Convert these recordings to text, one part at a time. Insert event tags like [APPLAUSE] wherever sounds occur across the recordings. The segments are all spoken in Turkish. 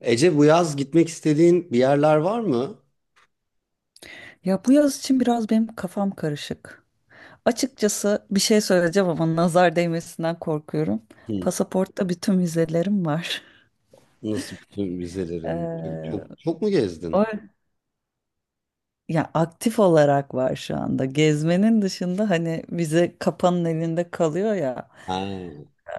Ece, bu yaz gitmek istediğin bir yerler var mı? Ya bu yaz için biraz benim kafam karışık. Açıkçası bir şey söyleyeceğim ama nazar değmesinden korkuyorum. Hı. Pasaportta bütün vizelerim var. [LAUGHS] Nasıl bütün müzelerin? Çok, Ee, çok, çok mu o gezdin? ya aktif olarak var şu anda. Gezmenin dışında hani vize kapanın elinde kalıyor ya. Ha. Ee,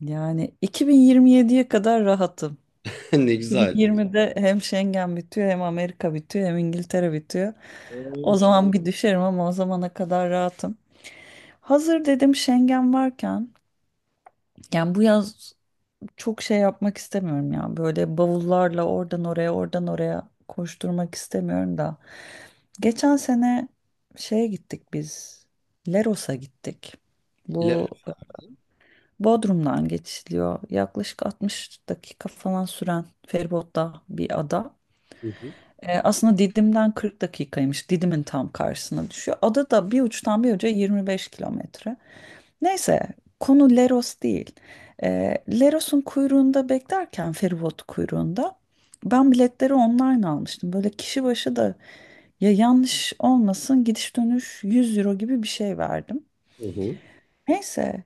yani 2027'ye kadar rahatım. [LAUGHS] Ne güzel. 2020'de hem Schengen bitiyor hem Amerika bitiyor hem İngiltere bitiyor. O Of. zaman bir düşerim ama o zamana kadar rahatım. Hazır dedim Schengen varken, yani bu yaz çok şey yapmak istemiyorum ya. Böyle bavullarla oradan oraya oradan oraya koşturmak istemiyorum da. Geçen sene şeye gittik biz. Leros'a gittik. Le- Bu Bodrum'dan geçiliyor. Yaklaşık 60 dakika falan süren feribotla bir ada. hı hı. Aslında Didim'den 40 dakikaymış. Didim'in tam karşısına düşüyor. Ada da bir uçtan bir uca 25 kilometre. Neyse, konu Leros değil. E, Leros'un kuyruğunda beklerken, feribot kuyruğunda, ben biletleri online almıştım. Böyle kişi başı da, ya yanlış olmasın, gidiş dönüş 100 euro gibi bir şey verdim. Hı hı. Neyse,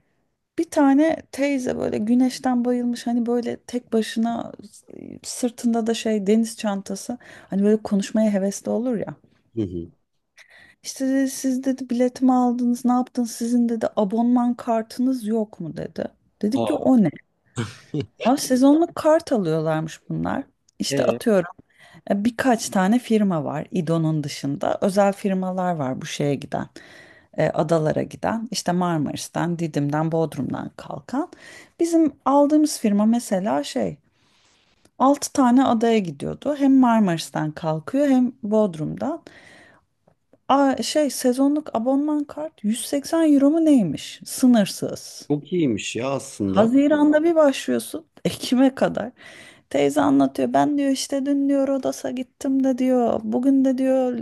bir tane teyze böyle güneşten bayılmış, hani böyle tek başına, sırtında da şey deniz çantası, hani böyle konuşmaya hevesli olur ya. Hı hı. İşte dedi, siz dedi biletimi aldınız ne yaptınız, sizin dedi abonman kartınız yok mu dedi. Dedik ki, Aa. o ne? [LAUGHS] Aa, sezonluk kart alıyorlarmış bunlar. İşte Ee, atıyorum, birkaç tane firma var İDO'nun dışında. Özel firmalar var bu şeye giden. Adalara giden, işte Marmaris'ten, Didim'den, Bodrum'dan kalkan. Bizim aldığımız firma mesela şey, 6 tane adaya gidiyordu. Hem Marmaris'ten kalkıyor hem Bodrum'dan. Aa, şey, sezonluk abonman kart 180 euro mu neymiş? Sınırsız. Çok iyiymiş ya aslında. Haziran'da bir başlıyorsun. [LAUGHS] Ekim'e kadar. Teyze anlatıyor. Ben diyor, işte dün diyor Rodos'a gittim de diyor. Bugün de diyor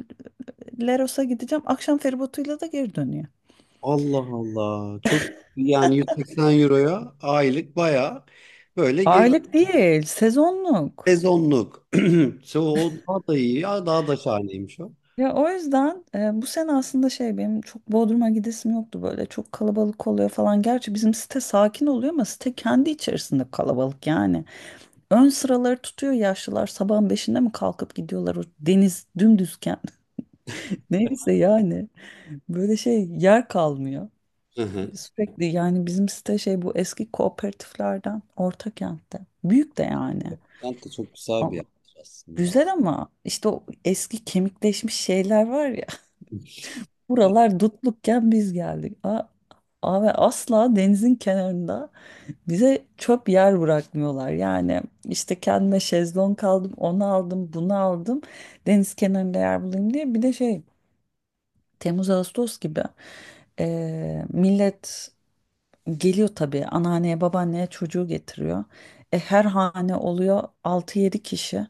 Leros'a gideceğim. Akşam feribotuyla da geri dönüyor. Allah Allah. Çok iyi. Yani 180 euroya aylık baya böyle ge- Aylık değil, sezonluk. sezonluk. [CLEARS THROAT] So, o daha da iyi ya, daha da şahaneymiş o. Ya o yüzden, bu sene aslında şey, benim çok Bodrum'a gidesim yoktu, böyle çok kalabalık oluyor falan. Gerçi bizim site sakin oluyor ama site kendi içerisinde kalabalık yani. Ön sıraları tutuyor yaşlılar, sabahın 5'inde mi kalkıp gidiyorlar o deniz dümdüzken. [LAUGHS] Neyse, yani böyle şey, yer kalmıyor. Hı hı. Sürekli, yani bizim site şey, bu eski kooperatiflerden Ortakent'te. Büyük de yani. Kent de çok güzel bir Ama- yer aslında. Güzel ama işte o eski kemikleşmiş şeyler var ya. [LAUGHS] Buralar [LAUGHS] dutlukken biz geldik. Abi asla denizin kenarında, bize çöp yer bırakmıyorlar. Yani işte kendime şezlong aldım, onu aldım, bunu aldım. Deniz kenarında yer bulayım diye. Bir de şey, Temmuz Ağustos gibi millet geliyor tabii, anneanneye babaanneye çocuğu getiriyor. Her hane oluyor altı yedi kişi.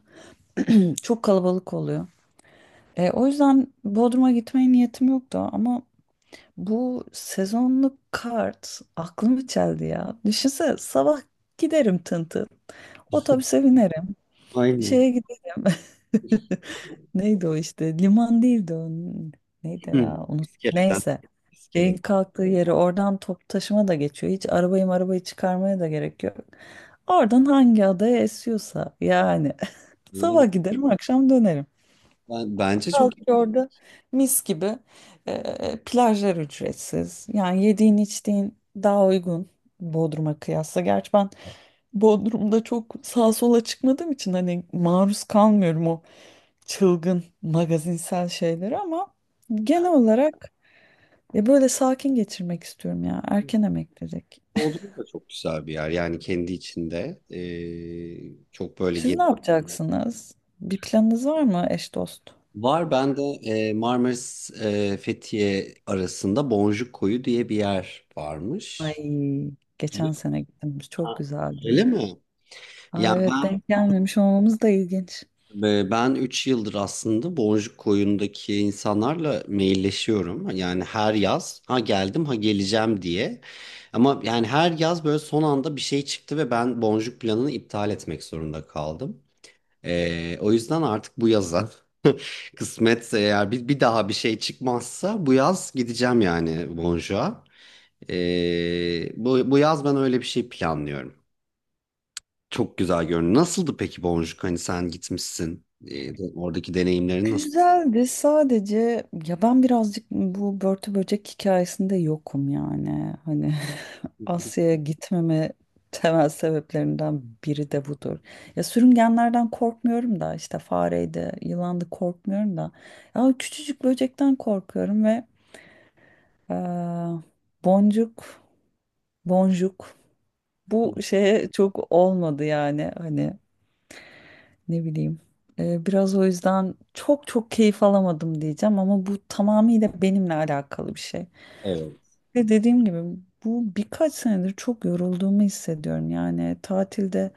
Çok kalabalık oluyor. O yüzden Bodrum'a gitmeye niyetim yoktu ama bu sezonluk kart aklımı çeldi ya. Düşünsene, sabah giderim tın tın. Otobüse binerim. Aynen. Şeye giderim. [LAUGHS] Neydi o işte? Liman değildi o. Neydi Hı. ya? Onu... İskele'den. Neyse. Şeyin İskele'den. kalktığı yeri, oradan top taşıma da geçiyor. Hiç arabayı çıkarmaya da gerek yok. Oradan hangi adaya esiyorsa yani. [LAUGHS] Yani Sabah giderim akşam dönerim, bence çok kaldık orada, mis gibi. Plajlar ücretsiz. Yani yediğin içtiğin daha uygun Bodrum'a kıyasla. Gerçi ben Bodrum'da çok sağa sola çıkmadığım için hani maruz kalmıyorum o çılgın magazinsel şeylere ama genel olarak ya böyle sakin geçirmek istiyorum ya. Erken emeklilik. Bodrum da çok güzel bir yer. Yani kendi içinde çok böyle Siz ne gez- yapacaksınız? Bir planınız var mı, eş dost? Var, ben de Marmaris Fethiye arasında Boncuk Koyu diye bir yer Ay, varmış. Öyle geçen mi? sene gittiniz, çok Öyle güzeldi. mi? Aa, Yani evet, ben denk gelmemiş olmamız da ilginç. Ve ben 3 yıldır aslında Boncuk Koyun'daki insanlarla mailleşiyorum. Yani her yaz ha geldim ha geleceğim diye. Ama yani her yaz böyle son anda bir şey çıktı ve ben Boncuk planını iptal etmek zorunda kaldım. O yüzden artık bu yaza [LAUGHS] kısmetse eğer bir daha bir şey çıkmazsa bu yaz gideceğim yani Boncuk'a. Bu yaz ben öyle bir şey planlıyorum. Çok güzel görünüyor. Nasıldı peki Boncuk? Hani sen gitmişsin. De- oradaki deneyimlerin. Güzeldi sadece, ya ben birazcık bu börtü böcek hikayesinde yokum yani. Hani Hı [LAUGHS] hı. Asya'ya gitmeme temel sebeplerinden biri de budur. Ya sürüngenlerden korkmuyorum da, işte fareydi, yılandı, korkmuyorum da. Ya küçücük böcekten korkuyorum ve eee, boncuk, boncuk bu şeye çok olmadı yani, hani ne bileyim. Biraz o yüzden çok çok keyif alamadım diyeceğim ama bu tamamıyla benimle alakalı bir şey. Evet. Ve dediğim gibi, bu birkaç senedir çok yorulduğumu hissediyorum. Yani tatilde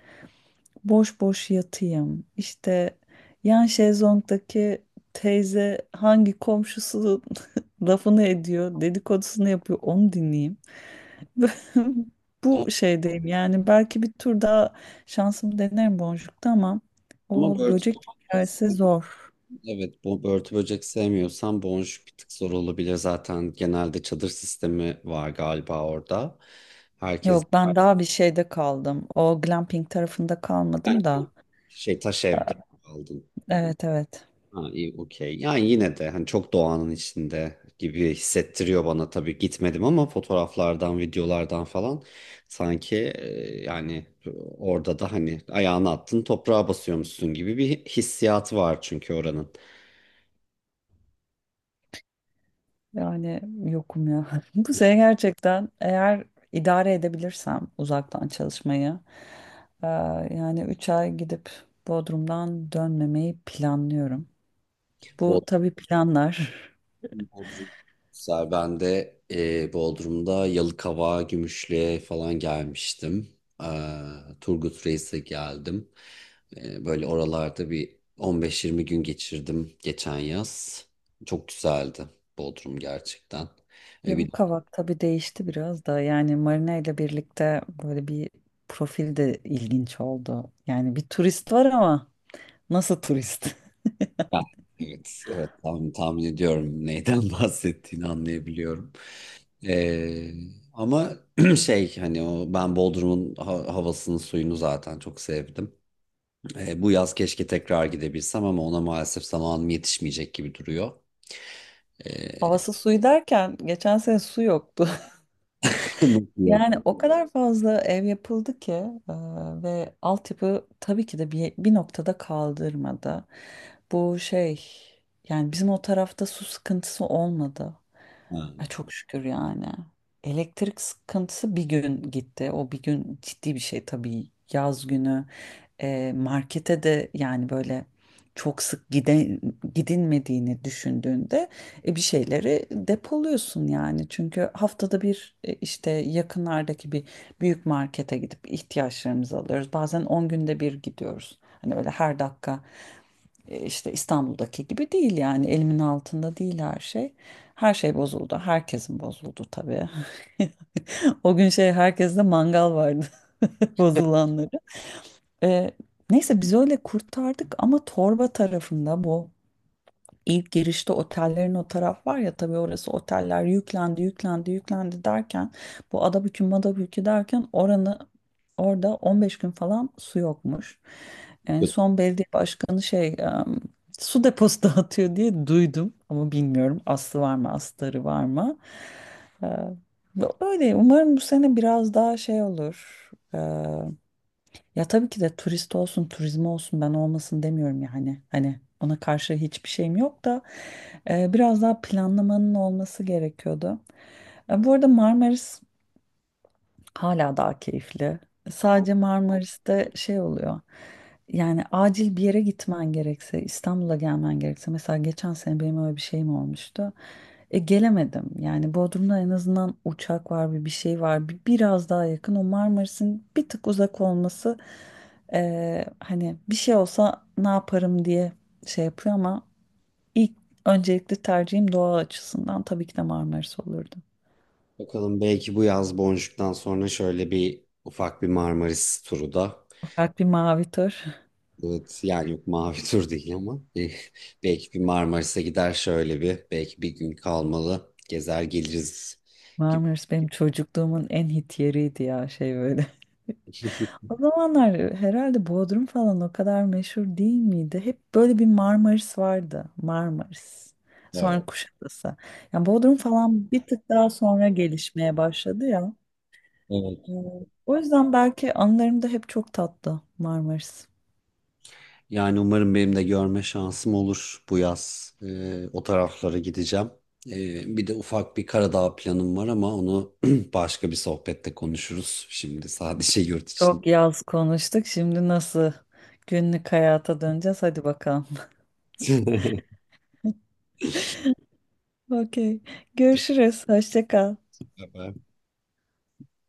boş boş yatayım. İşte yan şezlongdaki teyze hangi komşusu [LAUGHS] lafını ediyor, dedikodusunu yapıyor, onu dinleyeyim. [LAUGHS] Yani Bu şeydeyim yani, belki bir tur daha şansımı denerim boncukta ama ama o Börtü, böcek hikayesi zor. evet, bu börtü böcek sevmiyorsan boncuk bir tık zor olabilir zaten. Genelde çadır sistemi var galiba orada. Herkes Yok, ben daha bir şeyde kaldım. O glamping tarafında yani kalmadım da. şey taş evde aldın. Evet evet. Ha, iyi, okey. Yani yine de hani çok doğanın içinde gibi hissettiriyor bana, tabii gitmedim ama fotoğraflardan, videolardan falan sanki yani orada da hani ayağını attın toprağa basıyormuşsun gibi bir hissiyatı var çünkü oranın. Yani yokum ya. [LAUGHS] Bu sene gerçekten eğer idare edebilirsem uzaktan çalışmayı, eee, yani 3 ay gidip Bodrum'dan dönmemeyi planlıyorum. Bu tabii planlar. Bodrum. Güzel. Ben de Bodrum'da Yalıkavak'a, Gümüşlü'ye falan gelmiştim. Eee, Turgut Reis'e geldim. Böyle oralarda bir 15-20 gün geçirdim geçen yaz. Çok güzeldi Bodrum gerçekten. E, bir, Yavuk Kavak tabii değişti biraz da. Yani Marina ile birlikte böyle bir profil de ilginç oldu. Yani bir turist var ama nasıl turist? [LAUGHS] ben- evet, evet tahmin ediyorum neyden [LAUGHS] bahsettiğini anlayabiliyorum. Eee, Ama [CLEARS THROAT] şey hani o ben Bodrum'un ha- havasını suyunu zaten çok sevdim. Bu yaz keşke tekrar gidebilsem ama ona maalesef zamanım yetişmeyecek gibi duruyor. E, Havası suyu derken geçen sene su yoktu. [LAUGHS] Nasıl yok? Yani o kadar fazla ev yapıldı ki, e, ve altyapı tabii ki de bir noktada kaldırmadı. Bu şey, yani bizim o tarafta su sıkıntısı olmadı. Ha, Ay, çok şükür yani. Elektrik sıkıntısı, bir gün gitti. O bir gün ciddi bir şey tabii. Yaz günü markete de yani böyle çok sık gidilmediğini düşündüğünde, bir şeyleri depoluyorsun yani. Çünkü haftada bir işte yakınlardaki bir büyük markete gidip ihtiyaçlarımızı alıyoruz. Bazen 10 günde bir gidiyoruz. Hani öyle her dakika işte İstanbul'daki gibi değil, yani elimin altında değil her şey. Her şey bozuldu. Herkesin bozuldu tabii. [LAUGHS] O gün şey, herkeste mangal vardı, [LAUGHS] bozulanları. E, Neyse biz öyle kurtardık ama torba tarafında, bu ilk girişte otellerin o taraf var ya, tabii orası oteller yüklendi yüklendi yüklendi derken, bu Adabükü Madabükü derken, oranı, orada 15 gün falan su yokmuş. En kötü. son belediye başkanı şey, su deposu [LAUGHS] dağıtıyor diye duydum ama bilmiyorum aslı var mı astarı var mı. Ee, Öyle umarım bu sene biraz daha şey olur. Ya tabii ki de turist olsun, turizm olsun, ben olmasın demiyorum yani. Hani ona karşı hiçbir şeyim yok da, biraz daha planlamanın olması gerekiyordu. Bu arada Marmaris hala daha keyifli. Sadece Marmaris'te şey oluyor. Yani acil bir yere gitmen gerekse, İstanbul'a gelmen gerekse. Mesela geçen sene benim öyle bir şeyim olmuştu. Gelemedim. Yani Bodrum'da en azından uçak var, bir şey var. Biraz daha yakın. O Marmaris'in bir tık uzak olması, hani bir şey olsa ne yaparım diye şey yapıyor ama ilk, öncelikli tercihim doğa açısından tabii ki de Marmaris olurdu. Bakalım, belki bu yaz Boncuk'tan sonra şöyle bir ufak bir Marmaris turu da. Ufak bir mavi tur. Evet, yani yok, mavi tur değil ama belki bir Marmaris'e gider şöyle bir, belki bir gün kalmalı gezer geliriz [LAUGHS] gibi. Marmaris benim çocukluğumun en hit yeriydi ya, şey böyle. [LAUGHS] O zamanlar herhalde Bodrum falan o kadar meşhur değil miydi? Hep böyle bir Marmaris vardı. Marmaris. Sonra Evet. Kuşadası. Yani Bodrum falan bir tık daha sonra gelişmeye başladı ya. Ee, Evet. O yüzden belki anılarımda hep çok tatlı Marmaris. Yani umarım benim de görme şansım olur bu yaz. O taraflara gideceğim. Bir de ufak bir Karadağ planım var ama onu [CLEARS THROAT] başka bir sohbette konuşuruz. Şimdi sadece yurt için. Çok yaz konuştuk. Şimdi nasıl günlük hayata döneceğiz? Hadi bakalım. [LAUGHS] [LAUGHS] Okey. Görüşürüz. Hoşça kal. [LAUGHS]